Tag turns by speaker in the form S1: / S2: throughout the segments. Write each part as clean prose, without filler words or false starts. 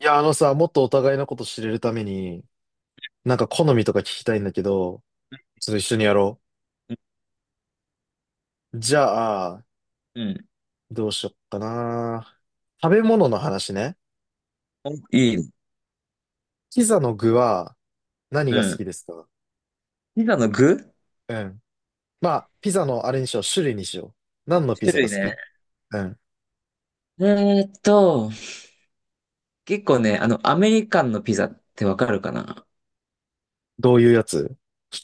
S1: いや、あのさ、もっとお互いのこと知れるために、なんか好みとか聞きたいんだけど、ちょっと一緒にやろう。じゃあ、
S2: うん。
S1: どうしよっかな。食べ物の話ね。
S2: おいい。
S1: ピザの具は何
S2: う
S1: が好
S2: ん。
S1: きですか？
S2: ピザの具、
S1: うん。まあ、ピザのあれにしよう、種類にしよう。何のピ
S2: 種
S1: ザが
S2: 類
S1: 好き？
S2: ね。
S1: うん。
S2: えーっと、結構ね、あの、アメリカンのピザってわかるかな？
S1: どういうやつ？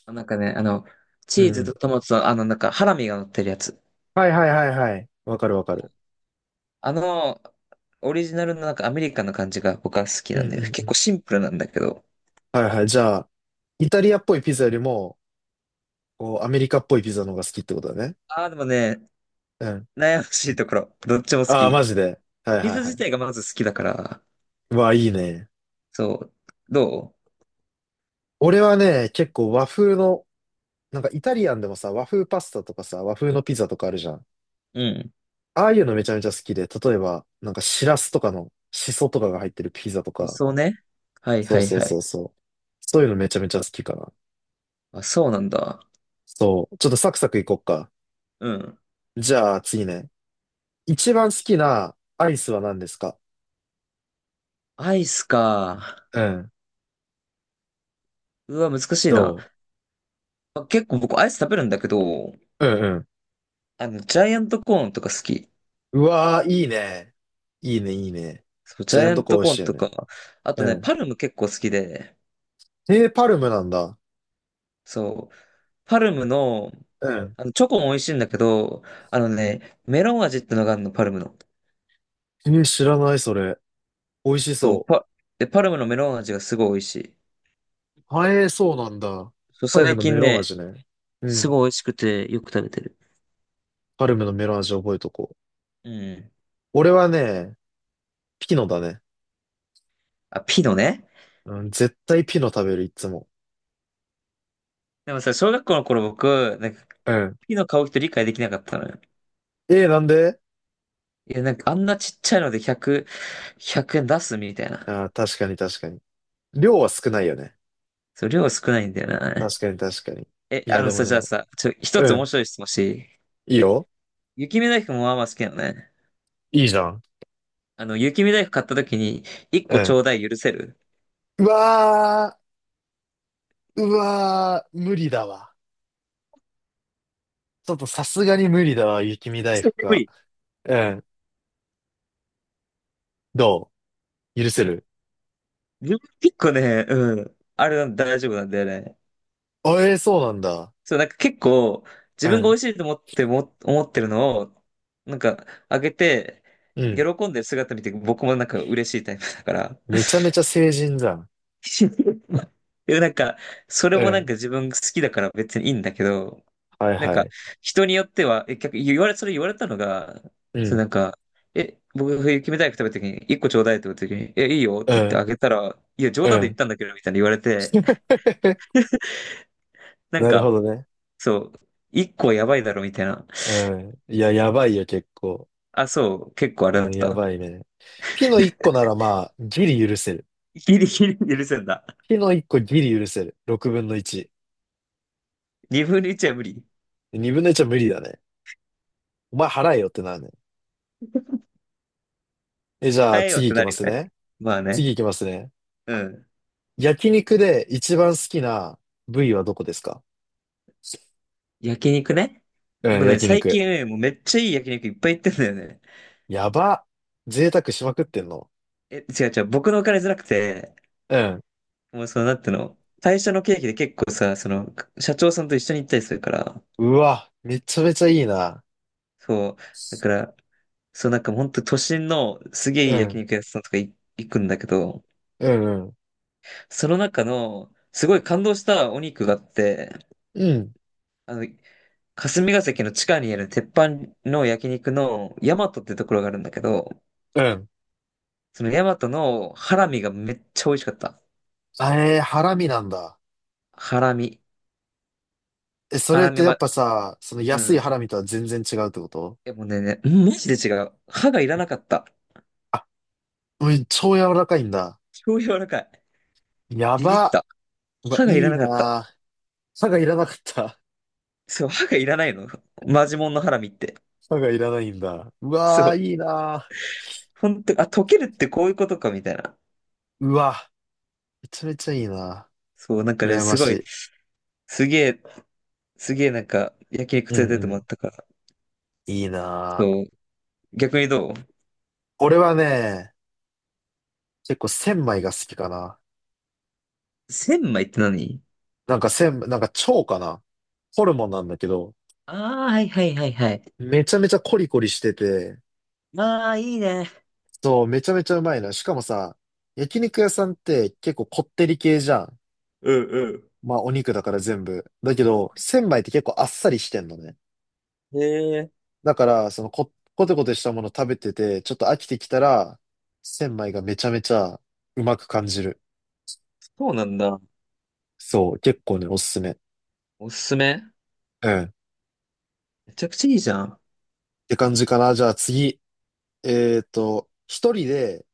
S2: なんかね、あの、チ
S1: う
S2: ーズと
S1: ん。
S2: トマトと、あの、なんか、ハラミが乗ってるやつ。
S1: はいはいはいはい。わかるわかる。
S2: あの、オリジナルのなんかアメリカンの感じが僕は好き
S1: う
S2: なん
S1: んうん
S2: で、
S1: う
S2: 結
S1: ん。
S2: 構シンプルなんだけど。
S1: はいはい。じゃあ、イタリアっぽいピザよりも、こう、アメリカっぽいピザの方が好きってことだね。
S2: ああ、でもね、
S1: うん。
S2: 悩ましいところ。どっちも好
S1: ああ、マ
S2: き。
S1: ジで。はい
S2: ピ
S1: はい
S2: ザ
S1: は
S2: 自
S1: い。
S2: 体がまず好きだから。
S1: うわあ、いいね。
S2: そう。ど
S1: 俺はね、結構和風の、なんかイタリアンでもさ、和風パスタとかさ、和風のピザとかあるじゃん。
S2: う、うん。
S1: ああいうのめちゃめちゃ好きで、例えば、なんかシラスとかのシソとかが入ってるピザと
S2: 理
S1: か、
S2: 想ね。はい
S1: そ
S2: は
S1: う
S2: い
S1: そう
S2: は
S1: そ
S2: い。
S1: うそう。そういうのめちゃめちゃ好きかな。
S2: あ、そうなんだ。
S1: そう。ちょっとサクサクいこっか。
S2: うん。
S1: じゃあ次ね。一番好きなアイスは何ですか？
S2: アイスか。
S1: うん。
S2: うわ、難しい
S1: ど
S2: な。あ、結構僕アイス食べるんだけど、
S1: う？うん
S2: あの、ジャイアントコーンとか好き。
S1: うん。うわー、いいね。いいね、いいね。
S2: そう、ジ
S1: ジャ
S2: ャ
S1: イ
S2: イ
S1: アン
S2: ア
S1: ト
S2: ン
S1: コーン
S2: ト
S1: 美
S2: コ
S1: 味
S2: ー
S1: し
S2: ン
S1: いよ
S2: と
S1: ね。
S2: か、あと
S1: う
S2: ね、
S1: ん。
S2: パルム結構好きで、
S1: えー、パルムなんだ。
S2: そう、パルムの、
S1: うん。
S2: あの、チョコも美味しいんだけど、あのね、メロン味ってのがあるの、パルムの。
S1: えー、知らない、それ。美味し
S2: そう、
S1: そ
S2: パ、で、パルムのメロン味がすごい美味しい。
S1: う。はえー、そうなんだ。
S2: そう、
S1: パルム
S2: 最
S1: のメ
S2: 近
S1: ロン
S2: ね、
S1: 味ね。う
S2: す
S1: ん。
S2: ごい美味しくてよく食べてる。
S1: パルムのメロン味覚えとこう。
S2: うん。
S1: 俺はね、ピノだね。
S2: あ、ピノね。
S1: うん、絶対ピノ食べる、いつも。
S2: でもさ、小学校の頃僕、なんか、
S1: うん。
S2: ピノ買う人理解できなかったのよ。
S1: えー、なんで？
S2: いや、なんかあんなちっちゃいので100、円出すみたいな。
S1: あー、確かに確かに。量は少ないよね。
S2: そう、量少ないんだよな。
S1: 確かに確かに。
S2: え、
S1: い
S2: あ
S1: や、
S2: の
S1: でも
S2: さ、じゃあ
S1: ね。
S2: さ、一
S1: う
S2: つ面
S1: ん。
S2: 白い質問していい？
S1: いいよ。
S2: 雪見大福もまあまあ好きなのね。
S1: いいじゃん。
S2: あの、雪見大福買った時に、一
S1: う
S2: 個ち
S1: ん。
S2: ょうだい許せる？
S1: うわー、うわー、無理だわ。ちょっとさすがに無理だわ、雪見大
S2: 絶対
S1: 福
S2: 無
S1: は。
S2: 理。
S1: うん。どう？許
S2: う
S1: せ
S2: ん、
S1: る？
S2: 自分結構ね、うん。あれ大丈夫なんだよね。
S1: あ、えー、そうなんだ。
S2: そう、なんか結構、自
S1: う
S2: 分が美
S1: ん。
S2: 味しいと思っても、思ってるのを、なんか、あげて、
S1: う
S2: 喜
S1: ん。
S2: んでる姿見て、僕もなんか嬉しいタイプだから、
S1: めちゃめちゃ成人じゃん。
S2: でもなんか、それ
S1: う
S2: もなん
S1: ん。
S2: か自分好きだから別にいいんだけど、
S1: はい
S2: なん
S1: は
S2: か、
S1: い。
S2: 人によっては、え、逆、言われ、それ言われたのが、
S1: う
S2: それな
S1: ん。
S2: んか、え、僕、冬キムタイ食べた時に、一個ちょうだいって言った時に、え、いいよっ
S1: う
S2: て言ってあ
S1: ん。
S2: げたら、いや、冗
S1: う
S2: 談で言っ
S1: ん。
S2: たんだけど、みたいに言われて、なん
S1: なるほ
S2: か、
S1: どね。
S2: そう、一個はやばいだろ、みたいな。
S1: うん。いや、やばいよ、結構。
S2: あ、そう、結構あれ
S1: う
S2: だっ
S1: ん、や
S2: た。
S1: ばいね。ピの1個ならまあ、ギリ許せる。
S2: ギリギリ許せんだ。
S1: ピの1個ギリ許せる。6分の1。
S2: 二分の一は無理。
S1: 2分の1は無理だね。お前払えよってなるね。え、じゃあ、
S2: 変えようっ
S1: 次
S2: て
S1: 行き
S2: な
S1: ま
S2: るよ
S1: す
S2: ね。
S1: ね。
S2: まあ
S1: 次
S2: ね。
S1: 行きますね。
S2: うん。
S1: 焼肉で一番好きな部位はどこですか？
S2: 焼肉ね。
S1: うん、
S2: 僕ね、
S1: 焼
S2: 最近
S1: 肉。
S2: ね、もうめっちゃいい焼肉いっぱい行ってんだよね。
S1: やば。贅沢しまくってんの。
S2: え、違う違う、僕のお金じゃなくて、
S1: うん。
S2: もうその、なんていうの、会社の経費で結構さ、その、社長さんと一緒に行ったりするから、
S1: うわ、めちゃめちゃいいな。
S2: そう、だから、そう、なんかほんと都心のすげえ
S1: う
S2: いい焼
S1: ん、
S2: 肉屋さんとか行くんだけど、
S1: うん、うん、
S2: その中の、すごい感動したお肉があって、
S1: うん、
S2: あの、霞ヶ関の地下にある鉄板の焼肉の大和ってところがあるんだけど、
S1: うん。
S2: その大和のハラミがめっちゃ美味しかった。
S1: あれハラミなんだ。
S2: ハラミ。
S1: え、そ
S2: ハ
S1: れっ
S2: ラ
S1: て
S2: ミ
S1: やっ
S2: は、
S1: ぱさ、その
S2: う
S1: 安い
S2: ん。
S1: ハラミとは全然違うってこと？
S2: でもね、ね、うん、マジで違う。歯がいらなかった。
S1: うん、超柔らかいんだ。
S2: 超柔らかい。
S1: や
S2: ビビっ
S1: ば。
S2: た。
S1: うわ、
S2: 歯がいら
S1: いい
S2: なかった。
S1: なぁ。歯がいらなかった。
S2: そう、歯がいらないの。マジモンのハラミって。
S1: 歯がいらないんだ。う
S2: そ
S1: わー、
S2: う。
S1: いいな
S2: 本当、あ、溶けるってこういうことか、みたいな。
S1: ぁ。うわ、めちゃめちゃいいな
S2: そう、なんか
S1: ぁ。
S2: ね、
S1: 羨ま
S2: す
S1: し
S2: ごい、
S1: い。
S2: すげえ、すげえなんか、焼肉
S1: う
S2: 連れ
S1: ん
S2: てってもら
S1: う
S2: ったから。
S1: ん。いいなぁ。
S2: そう。逆にどう？
S1: 俺はね、結構千枚が好きかな。
S2: 千枚って何？
S1: なんか千、なんか蝶かな。ホルモンなんだけど、
S2: ああー、はいはいはいはい。
S1: めちゃめちゃコリコリしてて、
S2: ああ、いいね。
S1: そう、めちゃめちゃうまいの。しかもさ、焼肉屋さんって結構こってり系じゃん。
S2: うん
S1: まあお肉だから全部。だけど、千枚って結構あっさりしてんのね。
S2: うん。へえ、
S1: だから、その、コテコテしたもの食べてて、ちょっと飽きてきたら、千枚がめちゃめちゃうまく感じる。
S2: そうなんだ。
S1: そう、結構ね、おすすめ。
S2: おすすめ？
S1: うん。っ
S2: めちゃくちゃいいじゃん。
S1: て感じかな。じゃあ次。一人で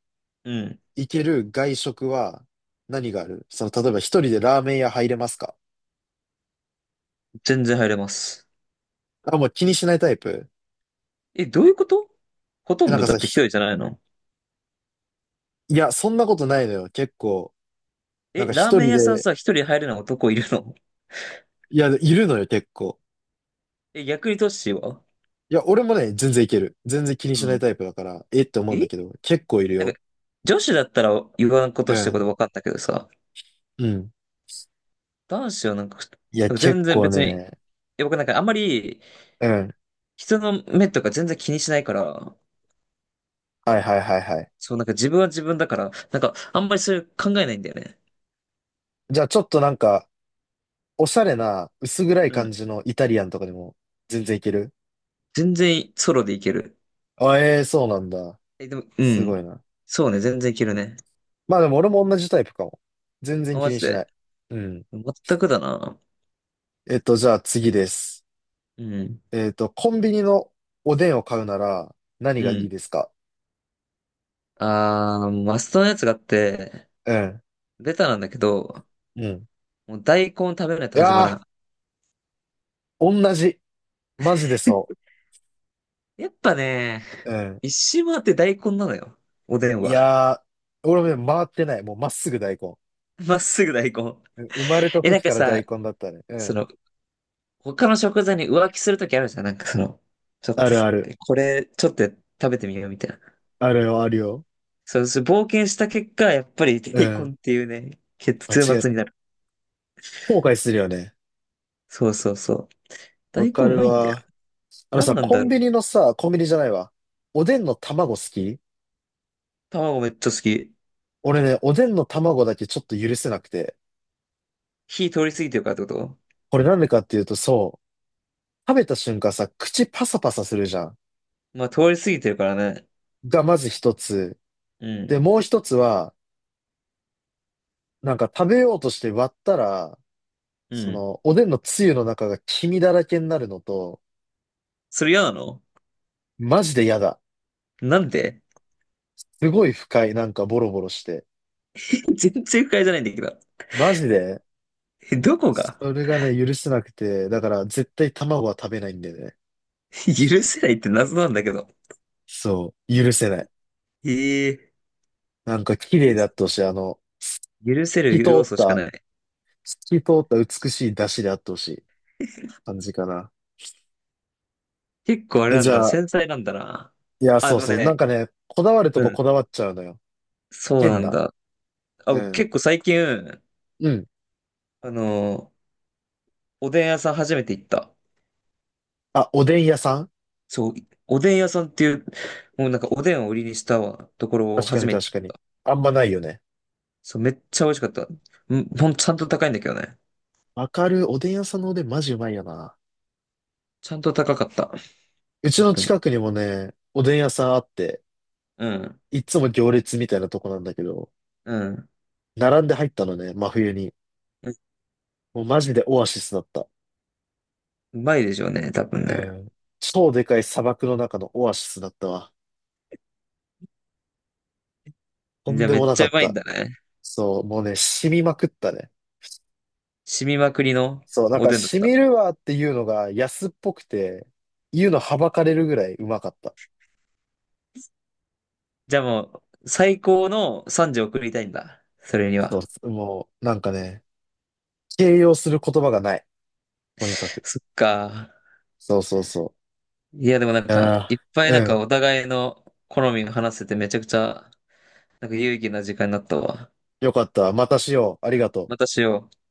S2: うん。
S1: 行ける外食は何がある？その、例えば一人でラーメン屋入れますか？
S2: 全然入れます。
S1: あ、もう気にしないタイプ？
S2: え、どういうこと？ほと
S1: え、な
S2: ん
S1: ん
S2: ど
S1: か
S2: だ
S1: さ、
S2: って一人じゃないの？
S1: いや、そんなことないのよ。結構、なん
S2: え、
S1: か
S2: ラー
S1: 一
S2: メン
S1: 人
S2: 屋さん
S1: で、
S2: さ、一人入れない男いるの？
S1: いや、いるのよ、結構。
S2: え、逆にトッシーは？
S1: いや、俺もね、全然いける。全然気に
S2: う
S1: しない
S2: ん。
S1: タイプだから、えって思うん
S2: え、
S1: だけど、結構いる
S2: なん
S1: よ。
S2: か、女子だったら言わんこ
S1: う
S2: としてること
S1: ん。
S2: 分かったけどさ、
S1: うん。
S2: 男子はなんか、な
S1: いや、
S2: んか
S1: 結
S2: 全然
S1: 構
S2: 別に、
S1: ね、
S2: え、僕なんかあんまり
S1: うん。
S2: 人の目とか全然気にしないから、
S1: はいはいはいはい。
S2: そう、なんか自分は自分だから、なんかあんまりそういう考えないんだよね。
S1: じゃあ、ちょっとなんか、おしゃれな、薄暗い
S2: う
S1: 感
S2: ん。
S1: じのイタリアンとかでも、全然いける？
S2: 全然ソロでいける。
S1: あ、ええそうなんだ。
S2: え、でも、う
S1: す
S2: ん。
S1: ごいな。
S2: そうね、全然いけるね。
S1: まあでも、俺も同じタイプかも。全然
S2: あ、
S1: 気
S2: マ
S1: に
S2: ジ
S1: しな
S2: で。
S1: い。うん。
S2: 全くだな。
S1: じゃあ次です。
S2: うん。
S1: コンビニのおでんを買うなら何
S2: う
S1: がいい
S2: ん。
S1: ですか？
S2: あー、マストのやつがあって、
S1: うん。
S2: ベタなんだけど、
S1: うん。
S2: もう大根食べない
S1: い
S2: と始まら
S1: や
S2: ん。
S1: ー、同じ。マジでそ
S2: やっぱね、
S1: う。うん。
S2: 一周回って大根なのよ。おでん
S1: い
S2: は。
S1: やー、俺もね、回ってない。もうまっすぐ大根。
S2: まっすぐ大根。
S1: うん生まれた
S2: え、なん
S1: 時
S2: か
S1: から
S2: さ、
S1: 大根だったね。う
S2: そ
S1: ん。
S2: の、他の食材に浮気するときあるじゃん。なんかその、ちょっ
S1: あ
S2: と
S1: るあ
S2: さ、
S1: る。
S2: え、これ、ちょっと食べてみようみたいな。
S1: あるよ、あるよ。
S2: そう、そう冒険した結果、やっぱり
S1: う
S2: 大根っ
S1: ん。
S2: ていうね、結
S1: あ、違
S2: 末
S1: う。
S2: になる。
S1: 後悔するよね。
S2: そうそうそう。
S1: わ
S2: 大
S1: か
S2: 根う
S1: る
S2: まいんだよ。
S1: わ。あの
S2: 何
S1: さ、
S2: なん
S1: コ
S2: だろ
S1: ン
S2: う。
S1: ビニのさ、コンビニじゃないわ。おでんの卵好き？
S2: 卵めっちゃ好き。
S1: 俺ね、おでんの卵だけちょっと許せなくて。
S2: 火通り過ぎてるからってこと？
S1: これなんでかっていうと、そう。食べた瞬間さ、口パサパサするじゃん。
S2: まあ、通り過ぎてるからね。
S1: がまず一つ。
S2: う
S1: で、
S2: ん。
S1: もう一つは、なんか食べようとして割ったら、
S2: う
S1: そ
S2: ん。
S1: の、おでんのつゆの中が黄身だらけになるのと、
S2: それ嫌なの？
S1: マジで嫌だ。
S2: なんで？
S1: すごい不快。なんかボロボロして。
S2: 全然不快じゃないんだけど。
S1: マジで、
S2: え、どこが？
S1: それがね、許せなくて、だから絶対卵は食べないんだよね。
S2: 許せないって謎なんだけど。
S1: そう、許せない。
S2: ええ、
S1: なんか綺
S2: 許
S1: 麗であ
S2: す、
S1: ってほしい。
S2: 許せる
S1: き通
S2: 要
S1: っ
S2: 素しか
S1: た、
S2: ない。
S1: 透き通った美しい出汁であってほしい感じかな。
S2: 結構あれ
S1: え、
S2: な
S1: じ
S2: んだな、
S1: ゃあ、
S2: 繊細なんだな。
S1: いや、
S2: あ
S1: そう
S2: の
S1: そう。なん
S2: ね、
S1: かね、こだわると
S2: う
S1: こ
S2: ん。
S1: こだわっちゃうのよ。
S2: そうな
S1: 変
S2: ん
S1: な。
S2: だ。あ、
S1: う
S2: 僕
S1: ん。
S2: 結構最近、
S1: うん。
S2: あの、おでん屋さん初めて行った。
S1: あ、おでん屋さん？
S2: そう、おでん屋さんっていう、もうなんかおでんを売りにしたところを
S1: 確か
S2: 初
S1: に
S2: めて。
S1: 確かに。あんまないよね。
S2: そう、めっちゃ美味しかった。うん、ちゃんと高いんだけどね。
S1: わかる。おでん屋さんのおでんマジうまいよな。
S2: ちゃんと高かった。
S1: うち
S2: 本
S1: の
S2: 当に。
S1: 近くにもね、おでん屋さんあって、
S2: うん。
S1: いつも行列みたいなとこなんだけど、
S2: うん。
S1: 並んで入ったのね、真冬に。
S2: え、
S1: もうマジでオアシスだった。
S2: うまいでしょうね、多分
S1: う
S2: ね。
S1: ん。超でかい砂漠の中のオアシスだったわ。と
S2: じ
S1: ん
S2: ゃあ
S1: で
S2: め
S1: も
S2: っ
S1: な
S2: ち
S1: か
S2: ゃう
S1: っ
S2: まいん
S1: た。
S2: だね。
S1: そう、もうね、染みまくったね。
S2: 染みまくりの
S1: そう、なん
S2: お
S1: か、
S2: でんだっ
S1: し
S2: た。
S1: みるわっていうのが安っぽくて、言うのはばかれるぐらいうまかった。
S2: じゃあもう、最高の賛辞を送りたいんだ。それに
S1: そ
S2: は。
S1: う、もう、なんかね、形容する言葉がない。とにかく。
S2: そっか。
S1: そうそうそ
S2: いや、でもなん
S1: う。い
S2: か、
S1: や
S2: いっぱ
S1: ー
S2: い
S1: う
S2: なんか
S1: ん。
S2: お互いの好みが話せてめちゃくちゃ、なんか有意義な時間になったわ。
S1: よかった。またしよう。あり
S2: う
S1: が
S2: ん。
S1: とう。
S2: またしよう。